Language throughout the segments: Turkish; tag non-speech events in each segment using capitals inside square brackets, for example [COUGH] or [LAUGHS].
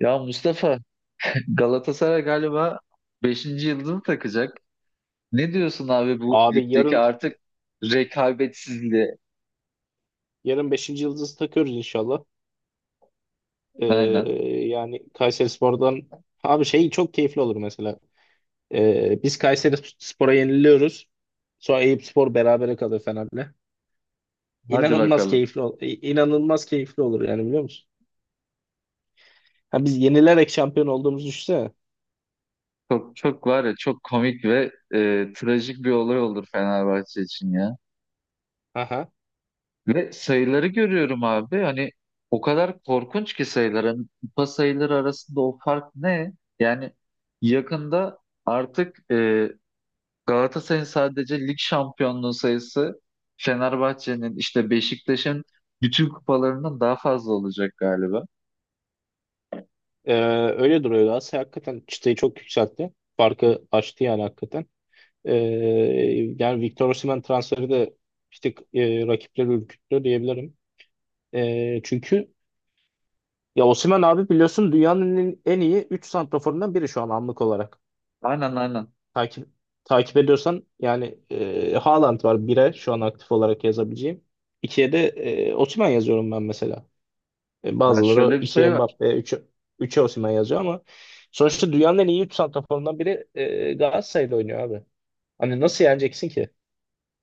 Ya Mustafa, Galatasaray galiba beşinci yıldızını takacak. Ne diyorsun abi bu Abi ligdeki yarın artık rekabetsizliğe? yarın beşinci yıldızı takıyoruz inşallah. Ee, Aynen. yani Kayserispor'dan abi şey çok keyifli olur mesela. Biz Kayserispor'a yeniliyoruz. Sonra Eyüpspor berabere kalır Fener'le. Hadi İnanılmaz bakalım. keyifli ol inanılmaz keyifli olur yani biliyor musun? Ha, biz yenilerek şampiyon olduğumuzu düşünsene. Çok çok var ya, çok komik ve trajik bir olay olur Fenerbahçe için ya. Aha. Ve sayıları görüyorum abi. Hani o kadar korkunç ki sayılar. Hani kupa sayıları arasında o fark ne? Yani yakında artık Galatasaray'ın sadece lig şampiyonluğu sayısı, Fenerbahçe'nin işte Beşiktaş'ın bütün kupalarından daha fazla olacak galiba. Ee, öyle duruyor, Galatasaray hakikaten çıtayı çok yükseltti. Farkı açtı yani hakikaten. Ee, yani Victor Osimhen transferi de bir tık rakipleri ürküttü diyebilirim. Çünkü ya Osimhen abi biliyorsun dünyanın en iyi 3 santraforundan biri şu an, anlık olarak. Aynen, aynen. Takip takip ediyorsan yani Haaland var bire, şu an aktif olarak yazabileceğim. İkiye de Osimhen yazıyorum ben mesela. E, Ya bazıları şöyle bir 2'ye şey var. Mbappe, 3'e Osimhen yazıyor ama sonuçta dünyanın en iyi 3 santraforundan biri Galatasaray'da oynuyor abi. Hani nasıl yeneceksin ki?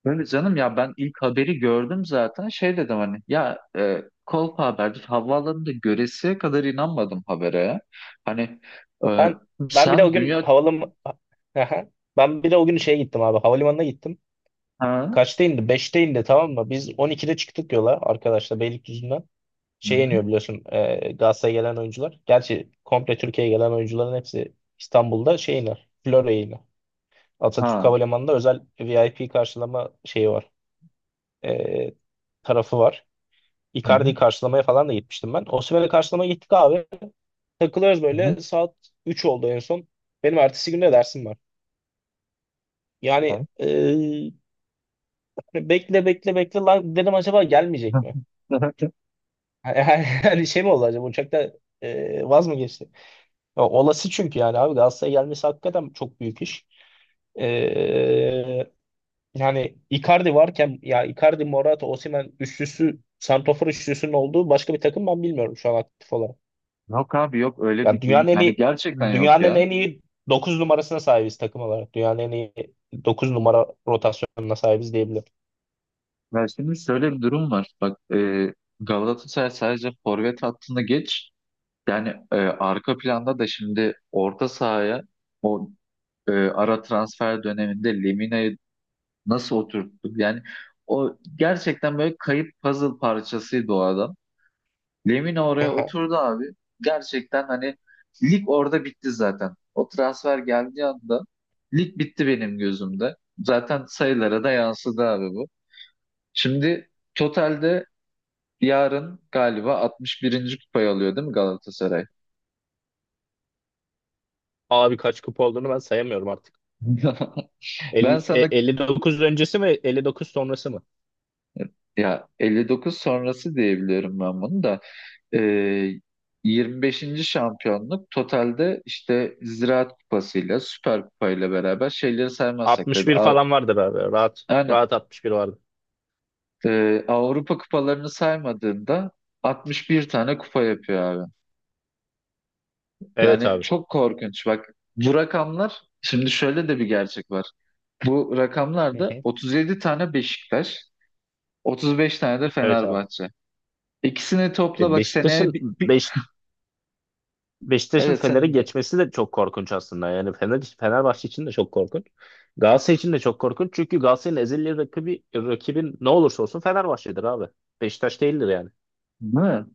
Böyle canım ya, ben ilk haberi gördüm zaten, şey dedim hani ya, kolpa haberdir, havaalanında göresiye kadar inanmadım habere, ya. Hani e, Ben ben bile o sen gün dünya havalim [LAUGHS] Ben bile o gün şeye gittim abi. Havalimanına gittim. ha. Kaçta indi? 5'te indi, tamam mı? Biz 12'de çıktık yola arkadaşlar, Beylikdüzü'nden. Hı Şey hı. iniyor biliyorsun, Galatasaray'a gelen oyuncular. Gerçi komple Türkiye'ye gelen oyuncuların hepsi İstanbul'da şey iner, Florya'ya iner. Atatürk Ha, Havalimanı'nda özel VIP karşılama şeyi var. E, tarafı var. hı Icardi'yi hı. karşılamaya falan da gitmiştim ben. Osimhen'i karşılamaya gittik abi. Takılıyoruz Hı hı. böyle. Saat 3 oldu en son. Benim ertesi günde dersim var. Yani e, hani bekle bekle bekle lan dedim, acaba Hı. gelmeyecek mi? [LAUGHS] Yani, [LAUGHS] yani şey mi oldu acaba uçakta, vaz mı geçti? Ya, olası çünkü yani abi Galatasaray'a gelmesi hakikaten çok büyük iş. E, yani Icardi varken, ya Icardi, Morata, Osimhen üçlüsü, santrafor üçlüsünün olduğu başka bir takım ben bilmiyorum şu an aktif olarak. Yok abi, yok öyle Ya bir dünya dünyanın en yani, iyi gerçekten yok dünyanın ya. en iyi 9 numarasına sahibiz takım olarak. Dünyanın en iyi 9 numara rotasyonuna sahibiz diyebilirim. Ya şimdi şöyle bir durum var. Bak, Galatasaray sadece forvet hattını geç. Yani arka planda da şimdi orta sahaya o, ara transfer döneminde Lemina'yı nasıl oturttuk? Yani o gerçekten böyle kayıp puzzle parçasıydı o adam. Lemina [LAUGHS] oraya Aha. oturdu abi. Gerçekten hani lig orada bitti zaten. O transfer geldiği anda lig bitti benim gözümde. Zaten sayılara da yansıdı abi bu. Şimdi totalde yarın galiba 61. kupayı alıyor değil mi Galatasaray? Abi kaç kupa olduğunu ben sayamıyorum artık. [LAUGHS] Ben sana 59 öncesi mi, 59 sonrası mı? ya 59 sonrası diyebiliyorum ben bunu da. Ee, 25. şampiyonluk totalde, işte Ziraat Kupası'yla Süper Kupa'yla beraber şeyleri saymazsak tabii. 61 falan vardır abi. Rahat. Aynen. Rahat 61 vardı. Avrupa kupalarını saymadığında 61 tane kupa yapıyor abi. Evet Yani abi. çok korkunç. Bak bu rakamlar, şimdi şöyle de bir gerçek var. Bu Hı rakamlarda hı. 37 tane Beşiktaş, 35 tane de Evet abi. Fenerbahçe. İkisini topla E, bak, seneye Beşiktaş'ın Beş, Beşiktaş'ın evet, Fener'e sen de geçmesi de çok korkunç aslında. Yani Fenerbahçe için de çok korkunç. Galatasaray için de çok korkunç. Çünkü Galatasaray'ın ezeli rakibi, rakibin ne olursa olsun, Fenerbahçe'dir abi. Beşiktaş değildir yani. değil mi?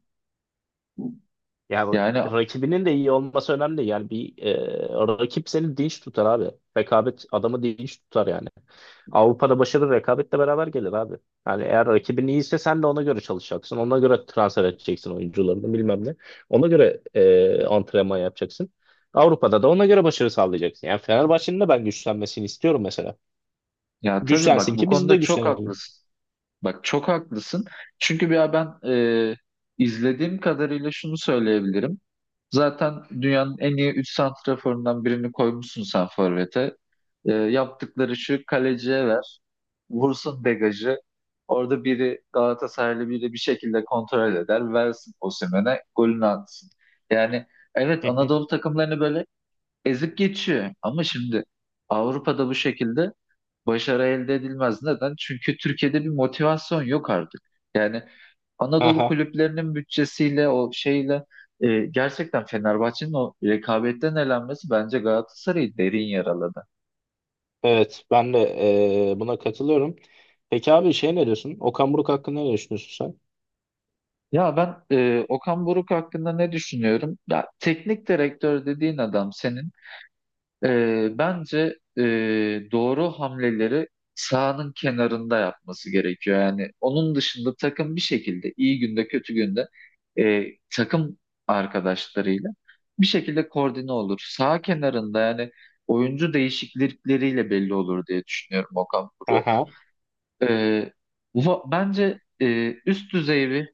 Yani Yani rakibinin de iyi olması önemli değil. Yani bir rakip seni dinç tutar abi. Rekabet adamı dinç tutar yani. Avrupa'da başarı rekabetle beraber gelir abi. Yani eğer rakibin iyiyse sen de ona göre çalışacaksın, ona göre transfer edeceksin oyuncularını bilmem ne, ona göre antrenman yapacaksın, Avrupa'da da ona göre başarı sağlayacaksın. Yani Fenerbahçe'nin de ben güçlenmesini istiyorum mesela. ya tabii, bak Güçlensin bu ki biz de konuda çok güçlenelim. haklısın. Bak çok haklısın. Çünkü bir ben e, izlediğim kadarıyla şunu söyleyebilirim. Zaten dünyanın en iyi 3 santraforundan birini koymuşsun sen forvete. Yaptıkları şu, kaleciye ver. Vursun degajı. Orada biri Galatasaraylı biri bir şekilde kontrol eder. Versin Osimhen'e, golünü atsın. Yani evet, Anadolu [LAUGHS] takımlarını böyle ezip geçiyor. Ama şimdi Avrupa'da bu şekilde başarı elde edilmez. Neden? Çünkü Türkiye'de bir motivasyon yok artık. Yani Anadolu kulüplerinin bütçesiyle, o şeyle, gerçekten Fenerbahçe'nin o rekabetten elenmesi bence Galatasaray'ı derin yaraladı. Evet, ben de buna katılıyorum. Peki abi şey ne diyorsun, Okan Buruk hakkında ne düşünüyorsun sen? Ya ben Okan Buruk hakkında ne düşünüyorum? Ya teknik direktör dediğin adam senin bence doğru hamleleri sahanın kenarında yapması gerekiyor. Yani onun dışında takım bir şekilde iyi günde kötü günde takım arkadaşlarıyla bir şekilde koordine olur. Sağ kenarında, yani oyuncu değişiklikleriyle belli olur diye düşünüyorum Okan Buruk. Aha, E, bence üst düzey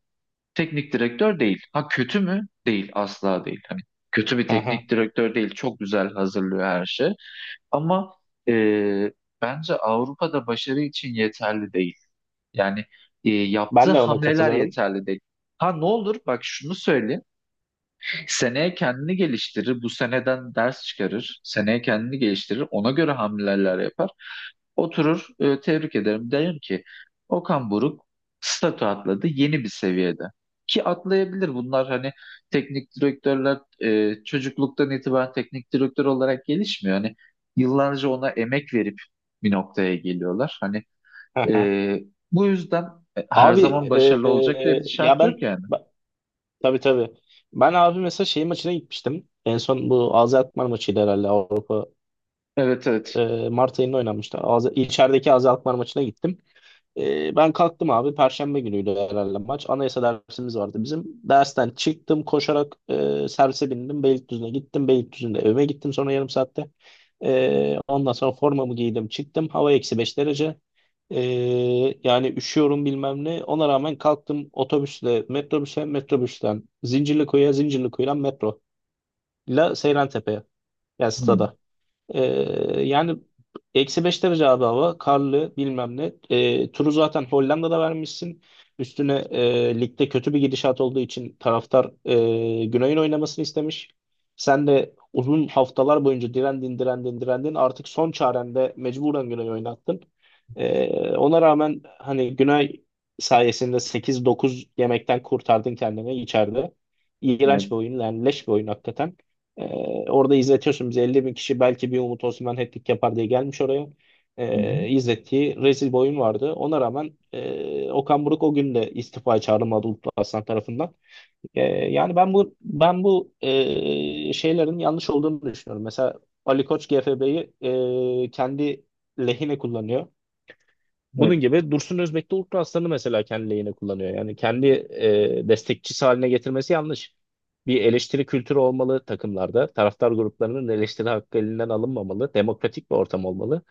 teknik direktör değil. Ha, kötü mü? Değil, asla değil. Hani kötü bir aha. teknik direktör değil. Çok güzel hazırlıyor her şey. Ama e, bence Avrupa'da başarı için yeterli değil. Yani yaptığı Ben de ona hamleler katılıyorum. yeterli değil. Ha ne olur bak, şunu söyleyeyim. Seneye kendini geliştirir. Bu seneden ders çıkarır. Seneye kendini geliştirir. Ona göre hamleler yapar. Oturur, tebrik ederim. Derim ki Okan Buruk statü atladı, yeni bir seviyede. Ki atlayabilir bunlar, hani teknik direktörler çocukluktan itibaren teknik direktör olarak gelişmiyor. Hani yıllarca ona emek verip bir noktaya geliyorlar. Hani Aha. e, bu yüzden her Abi zaman başarılı olacak diye bir ya şart yok yani. Tabii tabii. Ben abi mesela şey maçına gitmiştim. En son bu Azerbaycan maçıydı herhalde, Avrupa. Evet, evet. Mart ayında oynanmıştı. Az, içerideki Azerbaycan maçına gittim. Ben kalktım abi. Perşembe günüydü herhalde maç. Anayasa dersimiz vardı bizim. Dersten çıktım koşarak, servise bindim. Beylikdüzü'ne gittim. Beylikdüzü'nde evime gittim sonra, yarım saatte. Ondan sonra formamı giydim çıktım. Hava -5 derece. Ee, yani üşüyorum, bilmem ne. Ona rağmen kalktım, otobüsle metrobüse, metrobüsten Zincirlikuyu'ya, Zincirlikuyu'dan metro. La, Seyrantepe'ye. Yani Hmm, stada. Ee, yani -5 derece abi hava. Karlı, bilmem ne. Turu zaten Hollanda'da vermişsin. Üstüne ligde kötü bir gidişat olduğu için taraftar Güney'in oynamasını istemiş. Sen de uzun haftalar boyunca direndin, direndin, direndin. Artık son çarende mecburen Güney'i oynattın. Ee, ona rağmen hani Güney sayesinde sekiz dokuz yemekten kurtardın kendini içeride. İğrenç evet. bir oyun yani, leş bir oyun hakikaten. Ee, orada izletiyorsun bizi, 50 bin kişi belki bir Umut Osman hat-trick yapar diye gelmiş oraya. Hı hı, İzlettiği rezil bir oyun vardı. Ona rağmen Okan Buruk o gün de istifaya çağrılmadı Uludağ Aslan tarafından. Ee, yani ben bu şeylerin yanlış olduğunu düşünüyorum. Mesela Ali Koç GFB'yi kendi lehine kullanıyor. evet. Bunun gibi Dursun Özbek de Ultra Aslan'ı mesela kendi lehine kullanıyor. Yani kendi destekçisi haline getirmesi yanlış. Bir eleştiri kültürü olmalı takımlarda. Taraftar gruplarının eleştiri hakkı elinden alınmamalı. Demokratik bir ortam olmalı.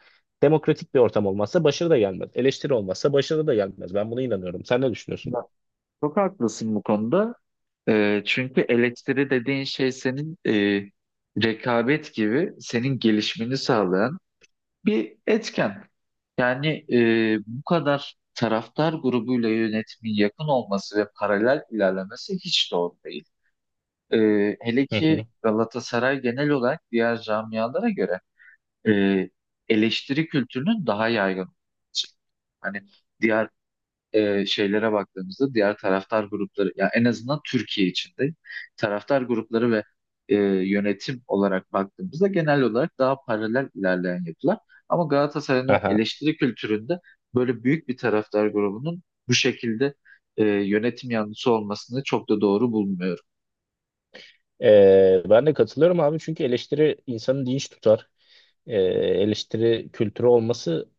Demokratik bir ortam olmazsa başarı da gelmez. Eleştiri olmazsa başarı da gelmez. Ben buna inanıyorum. Sen ne düşünüyorsun? Bak, çok haklısın bu konuda. Çünkü eleştiri dediğin şey senin, rekabet gibi senin gelişmeni sağlayan bir etken. Yani bu kadar taraftar grubuyla yönetimin yakın olması ve paralel ilerlemesi hiç doğru değil. Hele Hı ki hı. Galatasaray genel olarak diğer camialara göre e, eleştiri kültürünün daha yaygın olması. Hani diğer şeylere baktığımızda, diğer taraftar grupları, ya en azından Türkiye içinde taraftar grupları ve e, yönetim olarak baktığımızda genel olarak daha paralel ilerleyen yapılar. Ama Galatasaray'ın o Aha. eleştiri kültüründe böyle büyük bir taraftar grubunun bu şekilde yönetim yanlısı olmasını çok da doğru bulmuyorum. Ben de katılıyorum abi, çünkü eleştiri insanı dinç tutar, eleştiri kültürü olması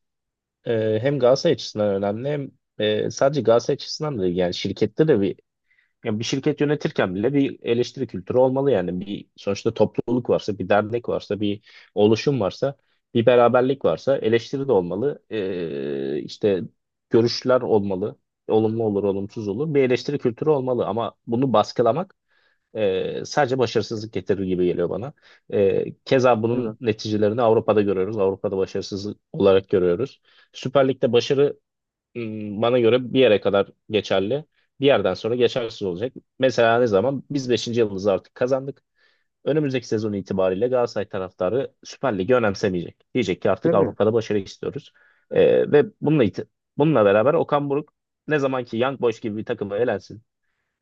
hem Galatasaray açısından önemli, hem sadece Galatasaray açısından da değil. Yani şirkette de bir, yani bir şirket yönetirken bile bir eleştiri kültürü olmalı. Yani bir, sonuçta topluluk varsa, bir dernek varsa, bir oluşum varsa, bir beraberlik varsa, eleştiri de olmalı. E, işte görüşler olmalı, olumlu olur olumsuz olur, bir eleştiri kültürü olmalı, ama bunu baskılamak sadece başarısızlık getirir gibi geliyor bana. Keza bunun Evet, neticelerini Avrupa'da görüyoruz. Avrupa'da başarısızlık olarak görüyoruz. Süper Lig'de başarı, bana göre bir yere kadar geçerli. Bir yerden sonra geçersiz olacak. Mesela ne zaman? Biz beşinci yılımızı artık kazandık. Önümüzdeki sezon itibariyle Galatasaray taraftarı Süper Lig'i önemsemeyecek. Diyecek ki artık tabii. Avrupa'da başarı istiyoruz. Ve bununla beraber Okan Buruk, ne zaman ki Young Boys gibi bir takıma elensin,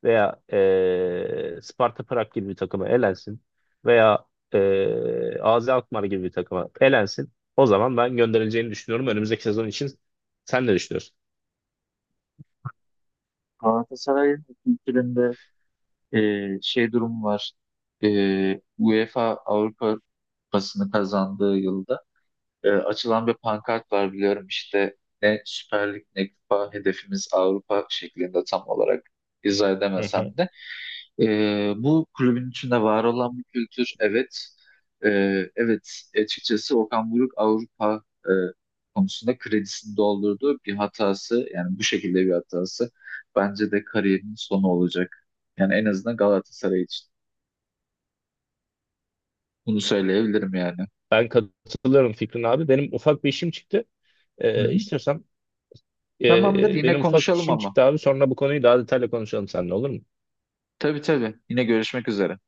veya Sparta Prag gibi bir takıma elensin, veya AZ Alkmaar gibi bir takıma elensin, o zaman ben gönderileceğini düşünüyorum. Önümüzdeki sezon için sen ne düşünüyorsun? Galatasaray'ın kültüründe e, şey durum var. E, UEFA Avrupa Kupası'nı kazandığı yılda açılan bir pankart var, biliyorum işte, ne Süper Lig ne Kupa, hedefimiz Avrupa şeklinde. Tam olarak izah Hı hı. edemesem de bu kulübün içinde var olan bir kültür, evet. E, evet, açıkçası Okan Buruk Avrupa konusunda kredisini doldurduğu bir hatası, yani bu şekilde bir hatası bence de kariyerinin sonu olacak. Yani en azından Galatasaray için bunu söyleyebilirim yani. Ben katılıyorum Fikrin abi. Benim ufak bir işim çıktı. Hı hı. İstiyorsan Tamamdır, yine benim ufak bir konuşalım işim ama. çıktı abi. Sonra bu konuyu daha detaylı konuşalım seninle, olur mu? Tabii tabii, yine görüşmek üzere.